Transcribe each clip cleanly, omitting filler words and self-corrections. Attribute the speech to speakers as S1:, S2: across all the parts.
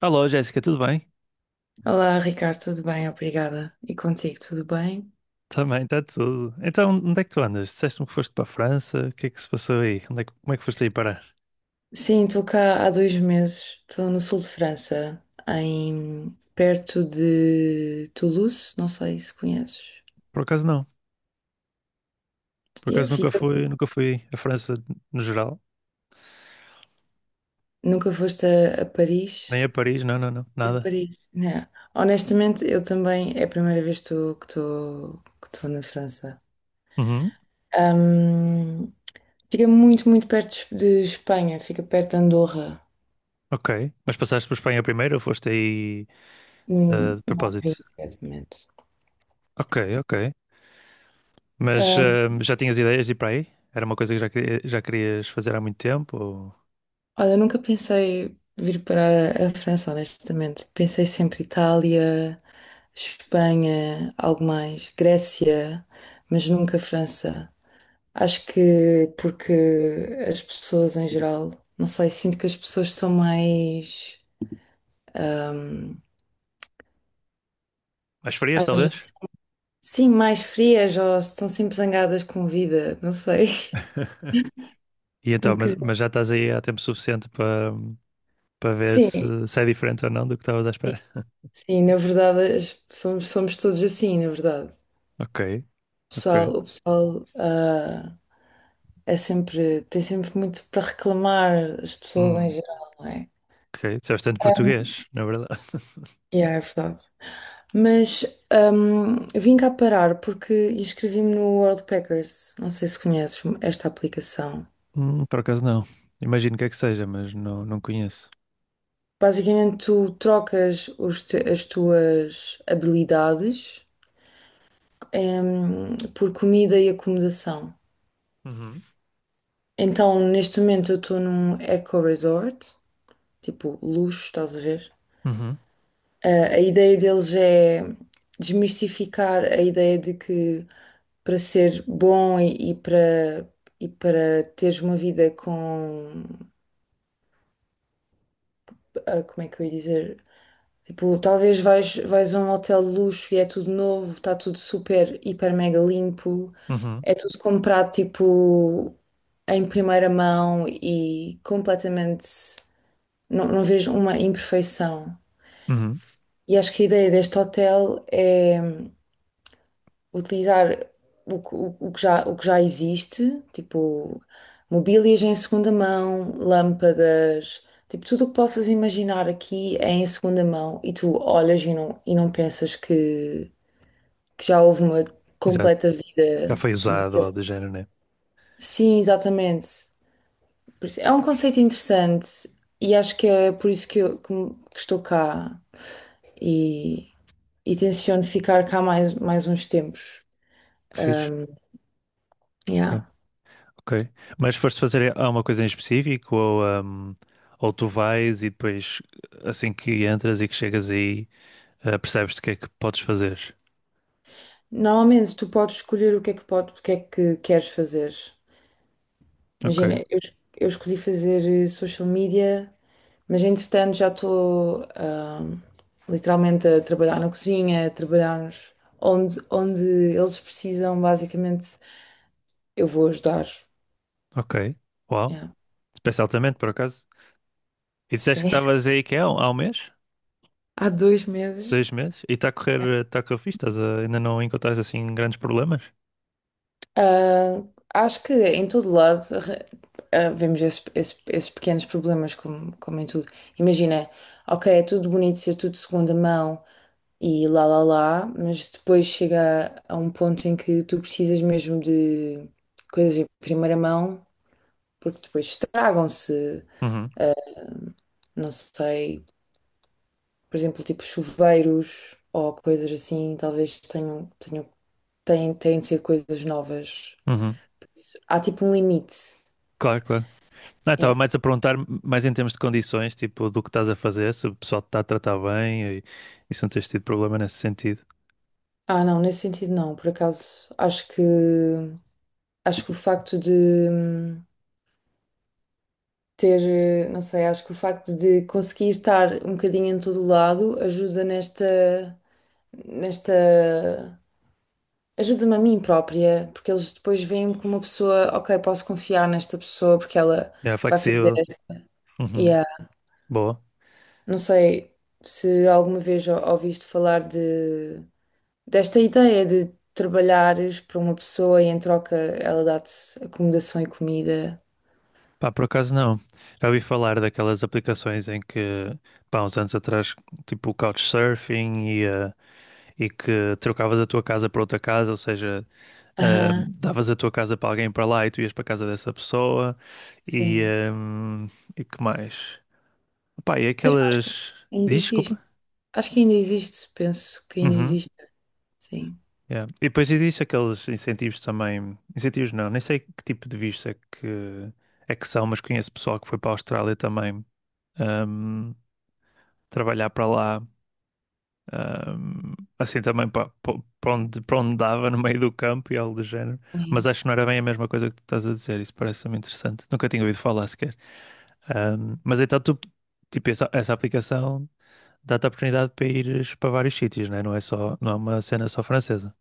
S1: Alô, Jéssica, tudo bem?
S2: Olá, Ricardo, tudo bem? Obrigada. E contigo, tudo bem?
S1: Também, está tudo. Então, onde é que tu andas? Disseste-me que foste para a França, o que é que se passou aí? Como é que foste aí parar?
S2: Sim, estou cá há 2 meses. Estou no sul de França, em perto de Toulouse. Não sei se conheces.
S1: Por acaso não, por
S2: Yeah,
S1: acaso
S2: fica.
S1: nunca fui à França no geral,
S2: Nunca foste a Paris?
S1: nem a Paris, não,
S2: Em
S1: nada.
S2: Paris, né? Honestamente, eu também é a primeira vez que estou na França.
S1: Uhum,
S2: Ahm, Fica muito, muito perto de Espanha. Fica perto de Andorra.
S1: ok. Mas passaste por Espanha primeiro ou foste aí de
S2: Não
S1: propósito?
S2: vi, exatamente.
S1: Ok, ok. Mas já tinhas ideias de ir para aí? Era uma coisa que já querias fazer há muito tempo? Ou...
S2: Olha, eu nunca pensei vir para a França, honestamente. Pensei sempre Itália, Espanha, algo mais, Grécia, mas nunca França. Acho que porque as pessoas em geral, não sei, sinto que as pessoas são mais, ahm,
S1: Mas farias,
S2: às
S1: talvez?
S2: vezes, sim, mais frias ou estão sempre zangadas com a vida, não sei.
S1: E
S2: Um
S1: então,
S2: bocadinho.
S1: mas já estás aí há tempo suficiente para, para ver
S2: Sim,
S1: se, se é diferente ou não do que estavas à espera.
S2: sim, na verdade somos todos assim, na verdade.
S1: Ok,
S2: O
S1: ok.
S2: pessoal, o pessoal ah, tem sempre muito para reclamar, as pessoas em
S1: Hum,
S2: geral, não é?
S1: ok, disseste tanto português, na verdade.
S2: Yeah, é verdade. Mas vim cá parar porque inscrevi-me no World Packers. Não sei se conheces esta aplicação.
S1: Por acaso não. Imagino que seja, mas não, não conheço.
S2: Basicamente, tu trocas as tuas habilidades por comida e acomodação.
S1: Uhum,
S2: Então, neste momento, eu estou num eco resort, tipo luxo, estás a ver?
S1: uhum,
S2: A ideia deles é desmistificar a ideia de que para ser bom e para teres uma vida com. Como é que eu ia dizer? Tipo, talvez vais a um hotel de luxo e é tudo novo, está tudo super, hiper, mega limpo,
S1: uhum,
S2: é tudo comprado tipo em primeira mão e completamente. Não, não vejo uma imperfeição.
S1: uhum.
S2: E acho que a ideia deste hotel é, utilizar o que já existe, tipo mobílias em segunda mão, lâmpadas, tipo tudo o que possas imaginar aqui é em segunda mão e tu olhas e não pensas que já houve uma
S1: Exato.
S2: completa
S1: Já
S2: vida
S1: foi usado
S2: naquele.
S1: ou de género, né?
S2: Sim, exatamente. É um conceito interessante e acho que é por isso que, eu, que me- que estou cá e, e tenciono ficar cá mais uns tempos.
S1: Que fixe.
S2: Yeah.
S1: Ok, ok. Mas foste fazer alguma coisa em específico ou tu vais e depois assim que entras e que chegas aí percebes-te o que é que podes fazer?
S2: Normalmente tu podes escolher o que é que, pode, o que é que queres fazer.
S1: Ok,
S2: Imagina, eu escolhi fazer social media, mas entretanto já estou literalmente a trabalhar na cozinha, a trabalhar onde eles precisam, basicamente, eu vou ajudar.
S1: ok. Uau.
S2: Yeah,
S1: Pensa altamente, por acaso. E disseste que
S2: sim,
S1: estavas aí que é, há um mês?
S2: há 2 meses.
S1: Dois meses? E está a correr fixe? Estás a- ainda não encontraste assim grandes problemas?
S2: Ah, Acho que em todo lado vemos esses pequenos problemas, como em tudo. Imagina, ok, é tudo bonito ser tudo de segunda mão, e lá lá lá, mas depois chega a um ponto em que tu precisas mesmo de coisas em primeira mão, porque depois estragam-se,
S1: Uhum,
S2: não sei, por exemplo, tipo chuveiros ou coisas assim, talvez têm de ser coisas novas.
S1: uhum.
S2: Há tipo um limite.
S1: Claro, claro. Não, eu estava
S2: Yeah.
S1: mais a perguntar, mais em termos de condições, tipo, do que estás a fazer, se o pessoal te está a tratar bem e se não tens tido problema nesse sentido.
S2: Não, nesse sentido não, por acaso, acho que o facto de hum, não sei, acho que o facto de conseguir estar um bocadinho em todo o lado ajuda nesta, ajuda-me a mim própria, porque eles depois veem-me como uma pessoa, ok, posso confiar nesta pessoa porque ela
S1: É
S2: vai fazer,
S1: flexível. Uhum.
S2: yeah.
S1: Boa.
S2: Não sei se alguma vez ouviste falar desta ideia de trabalhares para uma pessoa e em troca ela dá-te acomodação e comida.
S1: Pá, por acaso não. Já ouvi falar daquelas aplicações em que, pá, uns anos atrás, tipo o Couchsurfing e, e que trocavas a tua casa por outra casa, ou seja,
S2: Aham,
S1: davas a tua casa para alguém para lá e tu ias para a casa dessa pessoa e,
S2: sim.
S1: ahm, e que mais? Pá, e
S2: Mas
S1: aquelas.
S2: ainda
S1: Diz, desculpa?
S2: existe. Acho que ainda existe, penso que ainda
S1: Uhum.
S2: existe, sim.
S1: Yeah. E depois existe aqueles incentivos também. Incentivos não, nem sei que tipo de visto é que são, mas conheço pessoal que foi para a Austrália também ahm, trabalhar para lá. Assim também para, para onde dava, no meio do campo e algo do género. Mas
S2: Sim.
S1: acho que não era bem a mesma coisa que tu estás a dizer. Isso parece-me interessante. Nunca tinha ouvido falar sequer. Mas então tu, tipo, essa aplicação dá-te a oportunidade para ires para vários sítios, né? Não é só, não é uma cena só francesa.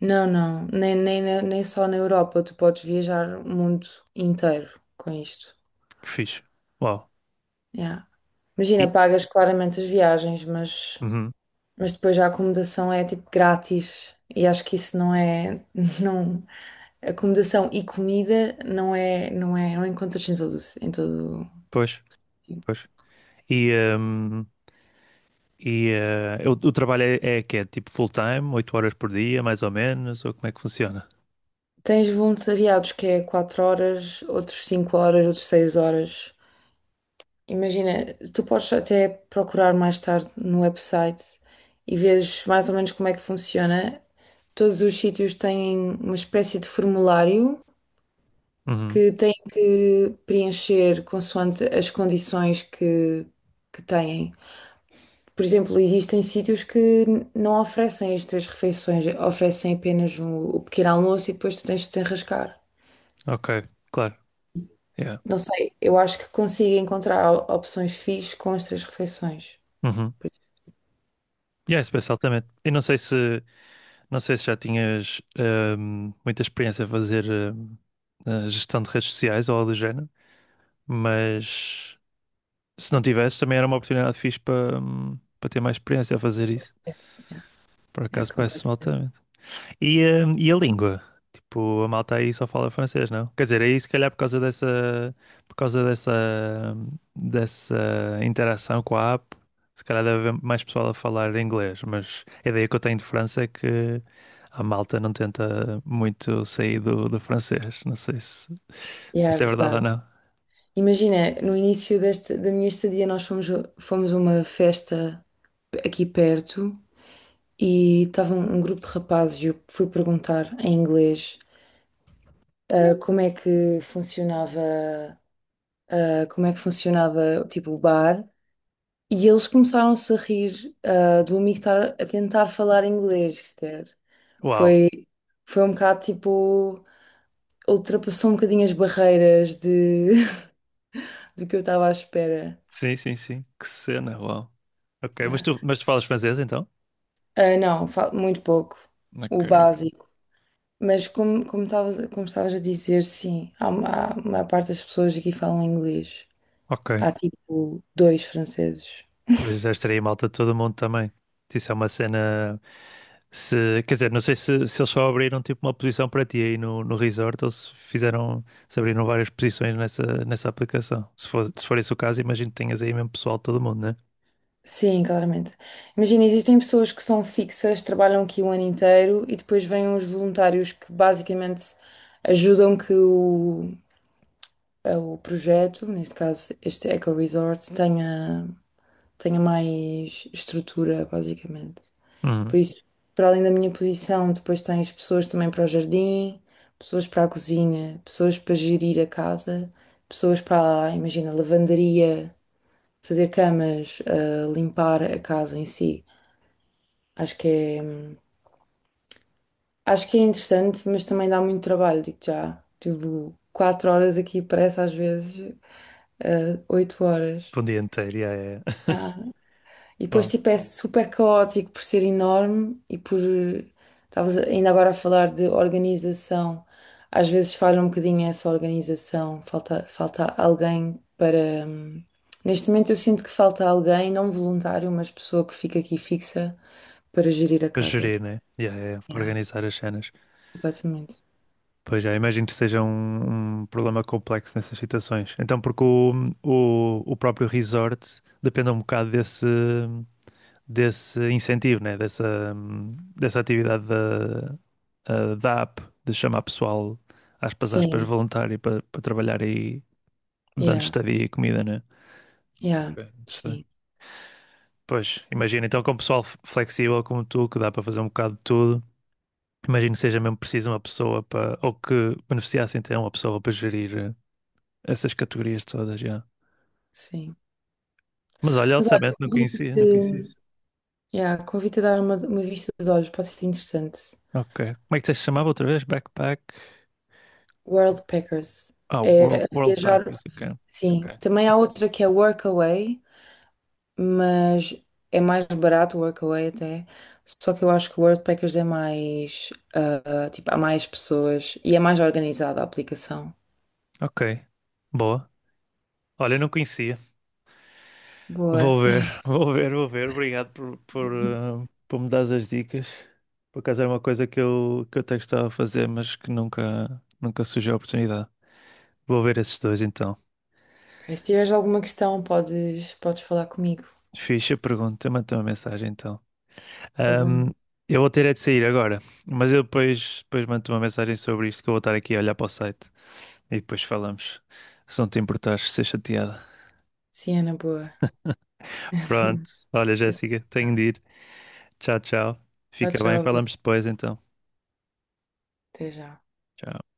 S2: Não, não, nem só na Europa, tu podes viajar o mundo inteiro com isto.
S1: Que fixe. Uau.
S2: Yeah.
S1: E,
S2: Imagina, pagas claramente as viagens, mas,
S1: uhum,
S2: mas depois a acomodação é tipo grátis e acho que isso não é, não, acomodação e comida não é, não encontras em todo.
S1: pois, pois. E, ahm, e o trabalho é, é que é tipo full-time, 8 horas por dia, mais ou menos, ou como é que funciona?
S2: Tens voluntariados que é 4 horas, outros 5 horas, outros 6 horas. Imagina, tu podes até procurar mais tarde no website e vês mais ou menos como é que funciona. Todos os sítios têm uma espécie de formulário
S1: Uhum,
S2: que têm que preencher consoante as condições que têm. Por exemplo, existem sítios que não oferecem as 3 refeições, oferecem apenas o pequeno almoço e depois tu tens de te enrascar.
S1: ok, claro. Yeah.
S2: Não sei, eu acho que consigo encontrar opções fixes com as 3 refeições.
S1: Uhum. Yeah, especial também. E não sei se, não sei se já tinhas muita experiência a fazer a gestão de redes sociais ou algo do género. Mas se não tivesse, também era uma oportunidade fixe para para ter mais experiência a fazer isso.
S2: Yeah,
S1: Por
S2: é
S1: acaso parece-me
S2: completo.
S1: altamente. E a língua? Tipo, a malta aí só fala francês, não? Quer dizer, aí se calhar por causa dessa, hum, dessa interação com a app, se calhar deve haver mais pessoal a falar inglês. Mas a ideia que eu tenho de França é que a malta não tenta muito sair do francês. Não
S2: Yeah,
S1: sei se é
S2: é
S1: verdade ou
S2: verdade.
S1: não.
S2: Imagina, no início desta, da minha estadia, nós fomos a uma festa aqui perto e estava um grupo de rapazes e eu fui perguntar em inglês como é que funcionava, ah, como é que funcionava, tipo, o bar. E eles começaram-se a rir do amigo estar a tentar falar inglês, sequer.
S1: Uau!
S2: Foi, foi um bocado, tipo, ultrapassou um bocadinho as barreiras de, do que eu estava à espera.
S1: Sim, sim, sim. Que cena, uau. Ok,
S2: Yeah.
S1: mas tu falas francês então?
S2: Não, muito pouco,
S1: Ok,
S2: o
S1: ok.
S2: básico. Mas como estavas a dizer, sim, há a maior parte das pessoas aqui falam inglês.
S1: Ok.
S2: Há tipo dois franceses.
S1: Pois já estaria malta de todo mundo também. Isso é uma cena. Se, quer dizer, não sei se, se eles só abriram tipo uma posição para ti aí no resort ou se fizeram, se abriram várias posições nessa aplicação. Se for, se for esse o caso, imagino que tenhas aí mesmo pessoal de todo mundo, né?
S2: Sim, claramente. Imagina, existem pessoas que são fixas, trabalham aqui o ano inteiro e depois vêm os voluntários que basicamente ajudam que o projeto, neste caso este Eco Resort, tenha mais estrutura, basicamente. Por
S1: Uhum.
S2: isso, para além da minha posição, depois tens pessoas também para o jardim, pessoas para a cozinha, pessoas para gerir a casa, pessoas para, imagina, lavandaria, fazer camas, limpar a casa em si. Acho que é, acho que é interessante, mas também dá muito trabalho, digo já. Tipo, 4 horas aqui parece às vezes 8 horas.
S1: Para um dia inteiro, yeah, yeah, yeah.
S2: E depois,
S1: Bom,
S2: tipo, é super caótico por ser enorme e por, estavas ainda agora a falar de organização. Às vezes falha um bocadinho essa organização, falta alguém para, neste momento eu sinto que falta alguém, não voluntário, mas pessoa que fica aqui fixa para gerir a
S1: para
S2: casa.
S1: gerir, né? Yeah, yeah, yeah. Para
S2: Yeah,
S1: organizar as cenas.
S2: completamente.
S1: Pois já, imagino que seja um, um problema complexo nessas situações. Então, porque o próprio resort depende um bocado desse, desse incentivo, né? Dessa, dessa atividade da, ah, da app, de chamar pessoal, aspas, aspas,
S2: Sim,
S1: voluntário para, para trabalhar aí, dando
S2: yeah,
S1: estadia e comida, né?
S2: yeah,
S1: Ok, interessante.
S2: sim,
S1: Pois, imagina, então com pessoal f- flexível como tu, que dá para fazer um bocado de tudo, imagino que seja mesmo preciso uma pessoa para, ou que beneficiasse então uma pessoa para gerir. Essas categorias todas, já.
S2: sim.
S1: Mas olha,
S2: Mas
S1: altamente
S2: olha,
S1: não conhecia, não conhecia
S2: convido-te,
S1: isso.
S2: yeah, convido-te a dar uma vista de olhos, pode ser interessante.
S1: Ok. Como é que se chamava outra vez? Backpack.
S2: World Packers.
S1: Ah, World,
S2: É
S1: World
S2: viajar,
S1: Packers, ok. Ok.
S2: sim. Também há outra que é Workaway, mas é mais barato o Workaway até. Só que eu acho que o World Packers é mais, tipo, há mais pessoas e é mais organizada a aplicação.
S1: Ok. Boa. Olha, eu não conhecia.
S2: Boa.
S1: Vou ver, vou ver. Obrigado por, por me dar as dicas. Por acaso era uma coisa que eu até gostava de fazer, mas que nunca, nunca surgiu a oportunidade. Vou ver esses dois então.
S2: Ok, se tiveres alguma questão, podes falar comigo.
S1: Ficha pergunta, manda uma mensagem então.
S2: Tá bom.
S1: Ahm, eu vou ter é de sair agora, mas eu depois, depois mando-te uma mensagem sobre isto que eu vou estar aqui a olhar para o site e depois falamos. Se não te importares, ser chateada.
S2: Sim, Ana, boa.
S1: Pronto. Olha,
S2: Até
S1: Jéssica, tenho
S2: já.
S1: de ir. Tchau, tchau.
S2: Tchau,
S1: Fica bem,
S2: tchau.
S1: falamos depois então.
S2: Até já.
S1: Tchau.